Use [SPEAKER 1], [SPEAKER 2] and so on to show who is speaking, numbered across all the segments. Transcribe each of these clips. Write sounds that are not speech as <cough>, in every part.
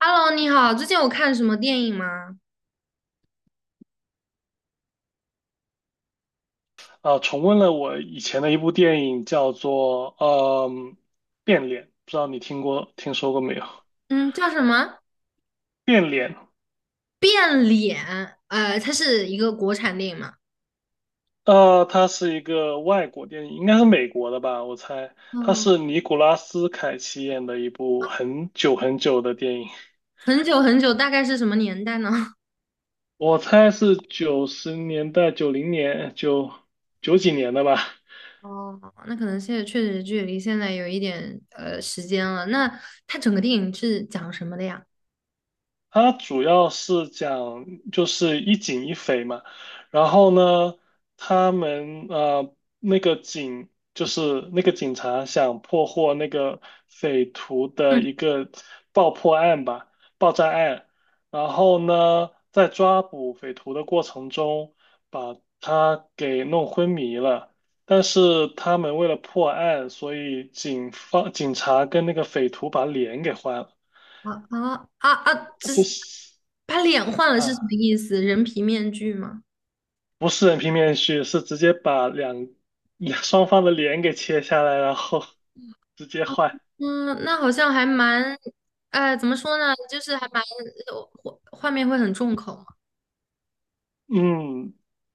[SPEAKER 1] Hello，你好，最近有看什么电影吗？
[SPEAKER 2] 重温了我以前的一部电影，叫做变脸》，不知道你听说过没有？
[SPEAKER 1] 嗯，叫什么？
[SPEAKER 2] 变脸。
[SPEAKER 1] 变脸，它是一个国产电影嘛？
[SPEAKER 2] 啊，它是一个外国电影，应该是美国的吧，我猜。它
[SPEAKER 1] 嗯，
[SPEAKER 2] 是尼古拉斯凯奇演的一部很久很久的电影，
[SPEAKER 1] 很久很久，大概是什么年代呢？<laughs>
[SPEAKER 2] 我猜是90年代、90年、九几年的吧。
[SPEAKER 1] 哦，那可能现在确实距离现在有一点时间了。那它整个电影是讲什么的呀？
[SPEAKER 2] 它主要是讲就是一警一匪嘛，然后呢，他们呃那个警就是那个警察想破获那个匪徒的
[SPEAKER 1] 嗯，
[SPEAKER 2] 一个爆破案吧，爆炸案，然后呢，在抓捕匪徒的过程中把他给弄昏迷了，但是他们为了破案，所以警方警察跟那个匪徒把脸给换了，
[SPEAKER 1] 啊啊啊啊！这
[SPEAKER 2] 就
[SPEAKER 1] 是
[SPEAKER 2] 是。
[SPEAKER 1] 把脸换了是什么
[SPEAKER 2] 啊。
[SPEAKER 1] 意思？人皮面具吗？
[SPEAKER 2] 不是人皮面具，是直接把<laughs> 双方的脸给切下来，然后 <laughs> 直接
[SPEAKER 1] 啊
[SPEAKER 2] 换。
[SPEAKER 1] 嗯，那好像还蛮，呃，怎么说呢？就是还蛮，画面会很重口。
[SPEAKER 2] 嗯，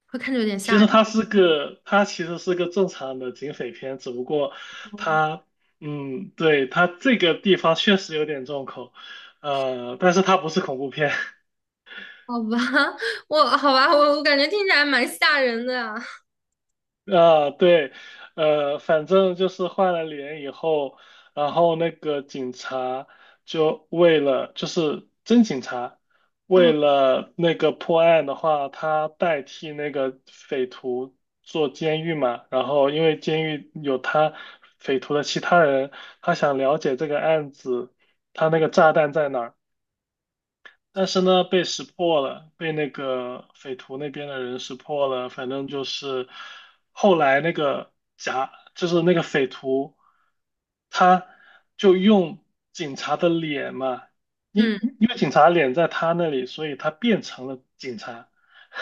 [SPEAKER 1] 会看着有点
[SPEAKER 2] 其
[SPEAKER 1] 吓
[SPEAKER 2] 实
[SPEAKER 1] 人
[SPEAKER 2] 它其实是个正常的警匪片，只不过
[SPEAKER 1] 哦。<laughs>
[SPEAKER 2] 它，对，它这个地方确实有点重口，但是它不是恐怖片。<laughs>
[SPEAKER 1] 好吧，<laughs> 我好吧，我感觉听起来蛮吓人的啊。
[SPEAKER 2] 啊，对，反正就是换了脸以后，然后那个警察就为了，就是真警察，为
[SPEAKER 1] 嗯
[SPEAKER 2] 了那个破案的话，他代替那个匪徒做监狱嘛，然后因为监狱有他匪徒的其他人，他想了解这个案子，他那个炸弹在哪儿。但是呢，被识破了，被那个匪徒那边的人识破了。反正就是后来那个假，就是那个匪徒，他就用警察的脸嘛，
[SPEAKER 1] 嗯，
[SPEAKER 2] 因为警察的脸在他那里，所以他变成了警察。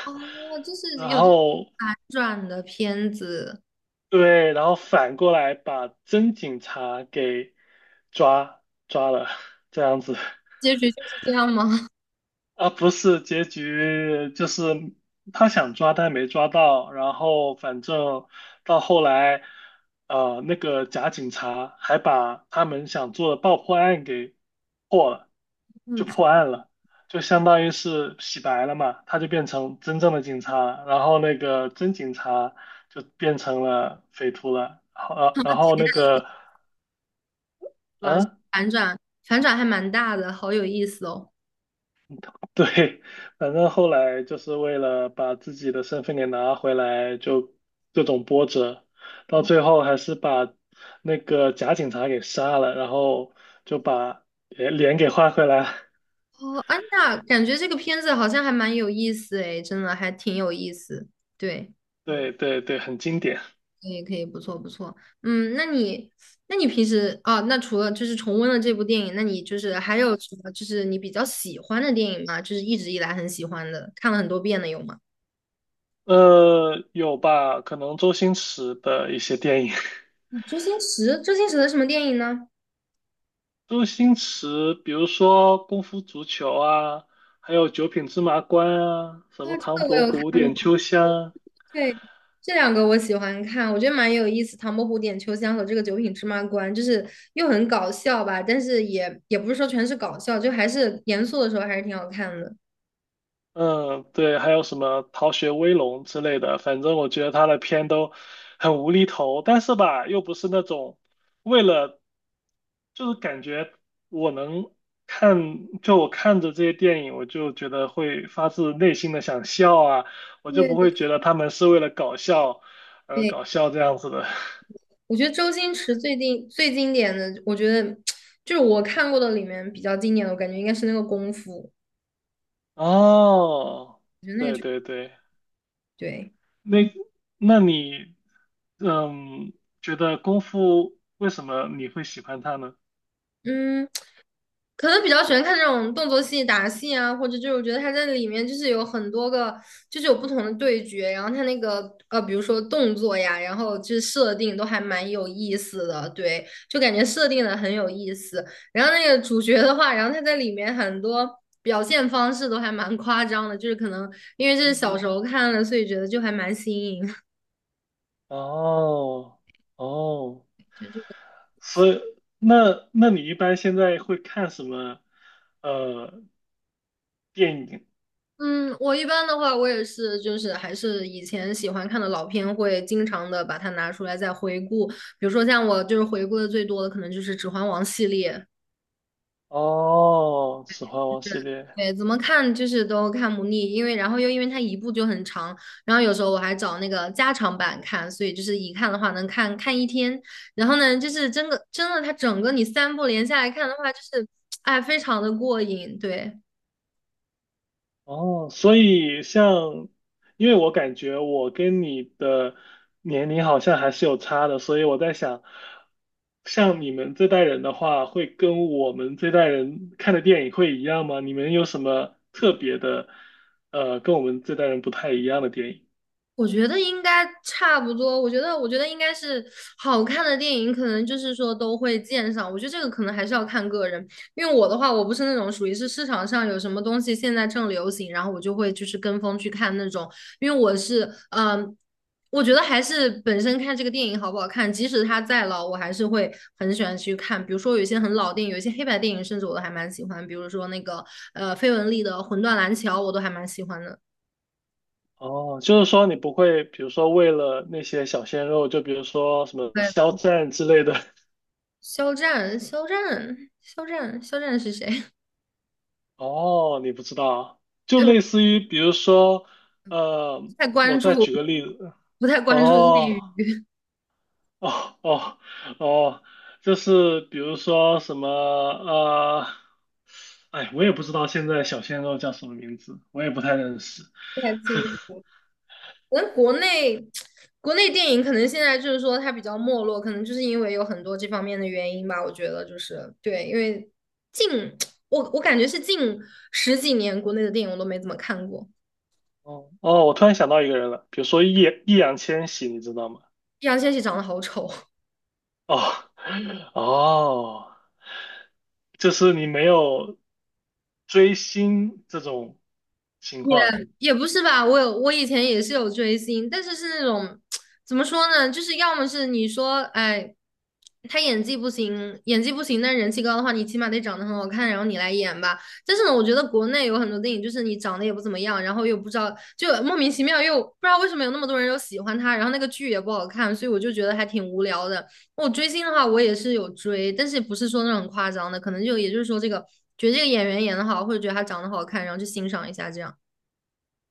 [SPEAKER 1] 哦，就是
[SPEAKER 2] 然
[SPEAKER 1] 有这种
[SPEAKER 2] 后
[SPEAKER 1] 反转的片子，
[SPEAKER 2] 对，然后反过来把真警察给抓抓了，这样子。
[SPEAKER 1] 结局就是这样吗？
[SPEAKER 2] 啊，不是，结局就是他想抓，但没抓到。然后反正到后来，那个假警察还把他们想做的爆破案给破了，
[SPEAKER 1] <laughs> 嗯，
[SPEAKER 2] 就
[SPEAKER 1] 是
[SPEAKER 2] 破案了，就相当于是洗白了嘛，他就变成真正的警察了，然后那个真警察就变成了匪徒了。好，然后那个，
[SPEAKER 1] 吧，
[SPEAKER 2] 嗯、
[SPEAKER 1] 反转反转还蛮大的，好有意思哦。
[SPEAKER 2] <laughs> 对，反正后来就是为了把自己的身份给拿回来，就各种波折，到最后还是把那个假警察给杀了，然后就把脸给换回来。
[SPEAKER 1] 哦，安娜，感觉这个片子好像还蛮有意思诶，真的还挺有意思。对。
[SPEAKER 2] <laughs> 对对对，很经典。
[SPEAKER 1] 可以可以，不错不错。嗯，那你平时啊，那除了就是重温了这部电影，那你就是还有什么就是你比较喜欢的电影吗？就是一直以来很喜欢的，看了很多遍的有吗？
[SPEAKER 2] 有吧？可能周星驰的一些电影，
[SPEAKER 1] 嗯周星驰，周星驰的什么电影呢？
[SPEAKER 2] <laughs> 周星驰，比如说《功夫足球》啊，还有《九品芝麻官》啊，什
[SPEAKER 1] 啊，
[SPEAKER 2] 么《唐
[SPEAKER 1] 这个
[SPEAKER 2] 伯
[SPEAKER 1] 我有
[SPEAKER 2] 虎
[SPEAKER 1] 看
[SPEAKER 2] 点
[SPEAKER 1] 过，
[SPEAKER 2] 秋香》。
[SPEAKER 1] 对，这两个我喜欢看，我觉得蛮有意思，《唐伯虎点秋香》和这个《九品芝麻官》，就是又很搞笑吧，但是也不是说全是搞笑，就还是严肃的时候还是挺好看的。
[SPEAKER 2] 嗯，对，还有什么《逃学威龙》之类的，反正我觉得他的片都很无厘头，但是吧，又不是那种为了，就是感觉我能看，就我看着这些电影，我就觉得会发自内心的想笑啊，我就不
[SPEAKER 1] 对对
[SPEAKER 2] 会觉得他们是为了搞笑而
[SPEAKER 1] 对，
[SPEAKER 2] 搞笑这样子的。<laughs>
[SPEAKER 1] 我觉得周星驰最近最经典的，我觉得 <tsk> 就是我看过的里面比较经典的，我感觉应该是那个功夫，
[SPEAKER 2] 哦，
[SPEAKER 1] 我觉得那个
[SPEAKER 2] 对
[SPEAKER 1] 就
[SPEAKER 2] 对对。
[SPEAKER 1] 对。
[SPEAKER 2] 那那你，嗯，觉得功夫为什么你会喜欢它呢？
[SPEAKER 1] 嗯，可能比较喜欢看这种动作戏、打戏啊，或者就是我觉得他在里面就是有很多个，就是有不同的对决，然后他那个，比如说动作呀，然后就是设定都还蛮有意思的，对，就感觉设定的很有意思。然后那个主角的话，然后他在里面很多表现方式都还蛮夸张的，就是可能因为这是小时候看的，所以觉得就还蛮新颖。<laughs>
[SPEAKER 2] 哦哦，
[SPEAKER 1] 就就
[SPEAKER 2] 所以那你一般现在会看什么呃电影？
[SPEAKER 1] 嗯，我一般的话，我也是，就是还是以前喜欢看的老片，会经常的把它拿出来再回顾。比如说像我就是回顾的最多的，可能就是《指环王》系列，
[SPEAKER 2] 哦，《指环王》系列。
[SPEAKER 1] 对，怎么看就是都看不腻，因为然后又因为它一部就很长，然后有时候我还找那个加长版看，所以就是一看的话能看一天。然后呢，就是真的它整个你三部连下来看的话，就是哎非常的过瘾，对。
[SPEAKER 2] 哦，所以像，因为我感觉我跟你的年龄好像还是有差的，所以我在想，像你们这代人的话，会跟我们这代人看的电影会一样吗？你们有什么特别的，跟我们这代人不太一样的电影？
[SPEAKER 1] 我觉得应该差不多。我觉得应该是好看的电影，可能就是说都会见上。我觉得这个可能还是要看个人，因为我的话，我不是那种属于是市场上有什么东西现在正流行，然后我就会就是跟风去看那种。因为我是，嗯，我觉得还是本身看这个电影好不好看，即使它再老，我还是会很喜欢去看。比如说有一些很老电影，有一些黑白电影，甚至我都还蛮喜欢。比如说那个费雯丽的《魂断蓝桥》，我都还蛮喜欢的。
[SPEAKER 2] 哦，就是说你不会，比如说为了那些小鲜肉，就比如说什么肖
[SPEAKER 1] 对。
[SPEAKER 2] 战之类的。<laughs>
[SPEAKER 1] 肖战是谁？<laughs>
[SPEAKER 2] 哦，你不知道，就
[SPEAKER 1] 对，
[SPEAKER 2] 类似于比如说，呃，
[SPEAKER 1] 太
[SPEAKER 2] 我
[SPEAKER 1] 关
[SPEAKER 2] 再
[SPEAKER 1] 注，
[SPEAKER 2] 举个例子，
[SPEAKER 1] 不太关注内
[SPEAKER 2] 哦
[SPEAKER 1] 娱，
[SPEAKER 2] 哦哦哦，就是比如说什么哎，我也不知道现在小鲜肉叫什么名字，我也不太认识。
[SPEAKER 1] 不太清
[SPEAKER 2] <laughs>
[SPEAKER 1] 楚。可能国内，国内电影可能现在就是说它比较没落，可能就是因为有很多这方面的原因吧。我觉得就是对，因为近 <tsk> 我感觉是近十几年国内的电影我都没怎么看过。
[SPEAKER 2] 哦哦，我突然想到一个人了，比如说易烊千玺，你知道吗？
[SPEAKER 1] 易烊千玺长得好丑，
[SPEAKER 2] 哦 <laughs> 哦。就是你没有追星这种情
[SPEAKER 1] 也
[SPEAKER 2] 况。
[SPEAKER 1] 也不是吧，我以前也是有追星，但是是那种 <tsk> 怎么说呢，就是要么是你说，哎，他演技不行，演技不行，但是人气高的话，你起码得长得很好看，然后你来演吧。但是呢，我觉得国内有很多电影，就是你长得也不怎么样，然后又不知道，就莫名其妙又不知道为什么有那么多人又喜欢他，然后那个剧也不好看，所以我就觉得还挺无聊的。我追星的话，我也是有追，但是不是说那种很夸张的，可能就也就是说这个觉得这个演员演的好，或者觉得他长得好看，然后去欣赏一下这样。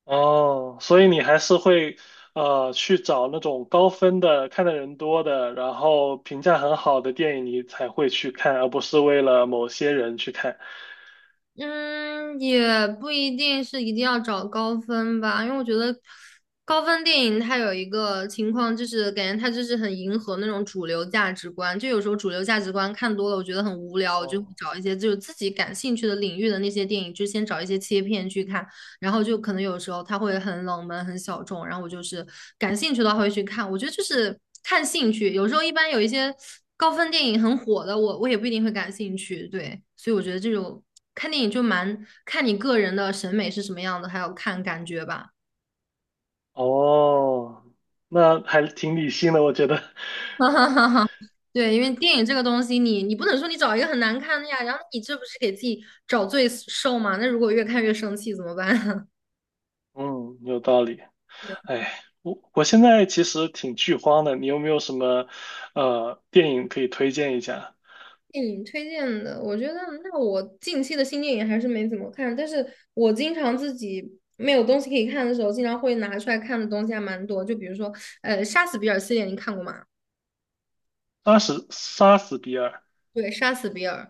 [SPEAKER 2] 哦，所以你还是会去找那种高分的、看的人多的，然后评价很好的电影，你才会去看，而不是为了某些人去看。
[SPEAKER 1] 嗯，也不一定是一定要找高分吧，因为我觉得高分电影它有一个情况，就是感觉它就是很迎合那种主流价值观。就有时候主流价值观看多了，我觉得很无聊，我就会
[SPEAKER 2] 哦，
[SPEAKER 1] 找一些就是自己感兴趣的领域的那些电影，就先找一些切片去看。然后就可能有时候它会很冷门、很小众，然后我就是感兴趣的话会去看。我觉得就是看兴趣，有时候一般有一些高分电影很火的，我也不一定会感兴趣。对，所以我觉得这种看电影就蛮看你个人的审美是什么样的，还有看感觉吧。
[SPEAKER 2] 哦，那还挺理性的，我觉得，
[SPEAKER 1] <laughs> 哈哈哈哈。对，因为电影这个东西你，你不能说你找一个很难看的呀，然后你这不是给自己找罪受吗？那如果越看越生气怎么办？<laughs>
[SPEAKER 2] <laughs> 嗯，有道理。哎，我现在其实挺剧荒的，你有没有什么电影可以推荐一下？
[SPEAKER 1] 电影推荐的，我觉得那我近期的新电影还是没怎么看，但是我经常自己没有东西可以看的时候，经常会拿出来看的东西还蛮多。就比如说，呃，《杀死比尔》系列，你看过吗？
[SPEAKER 2] 杀死比尔，
[SPEAKER 1] 对，《杀死比尔》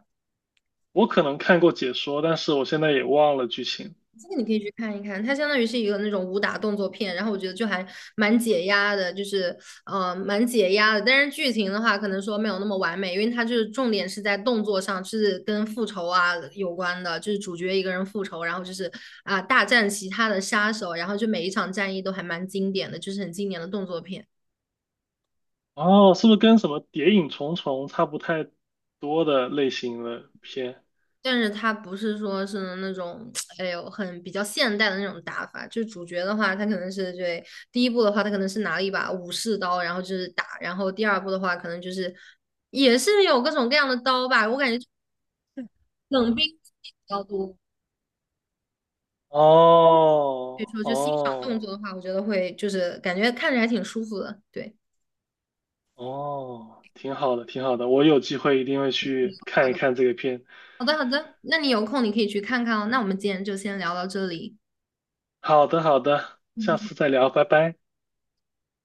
[SPEAKER 2] 我可能看过解说，但是我现在也忘了剧情。
[SPEAKER 1] 这个你可以去看一看，它相当于是一个那种武打动作片，然后我觉得就还蛮解压的，就是蛮解压的。但是剧情的话，可能说没有那么完美，因为它就是重点是在动作上，是跟复仇啊有关的，就是主角一个人复仇，然后就是啊、大战其他的杀手，然后就每一场战役都还蛮经典的，就是很经典的动作片。
[SPEAKER 2] 哦，是不是跟什么《谍影重重》差不太多的类型的片？
[SPEAKER 1] 但是它不是说是那种，<tsk> 哎呦，很比较现代的那种打法。就主角的话，他可能是对第一部的话，他可能是拿了一把武士刀，然后就是打；然后第二部的话，可能就是也是有各种各样的刀吧。我感觉冷兵器比较多，
[SPEAKER 2] 哦
[SPEAKER 1] 所以说就欣赏动
[SPEAKER 2] 哦
[SPEAKER 1] 作的话，我觉得会就是感觉看着还挺舒服的。对，
[SPEAKER 2] 哦，挺好的，挺好的，我有机会一定会去看一看这个片。
[SPEAKER 1] 好的好的，那你有空你可以去看看哦。那我们今天就先聊到这里，
[SPEAKER 2] 好的，好的，下
[SPEAKER 1] 嗯
[SPEAKER 2] 次再聊，拜拜。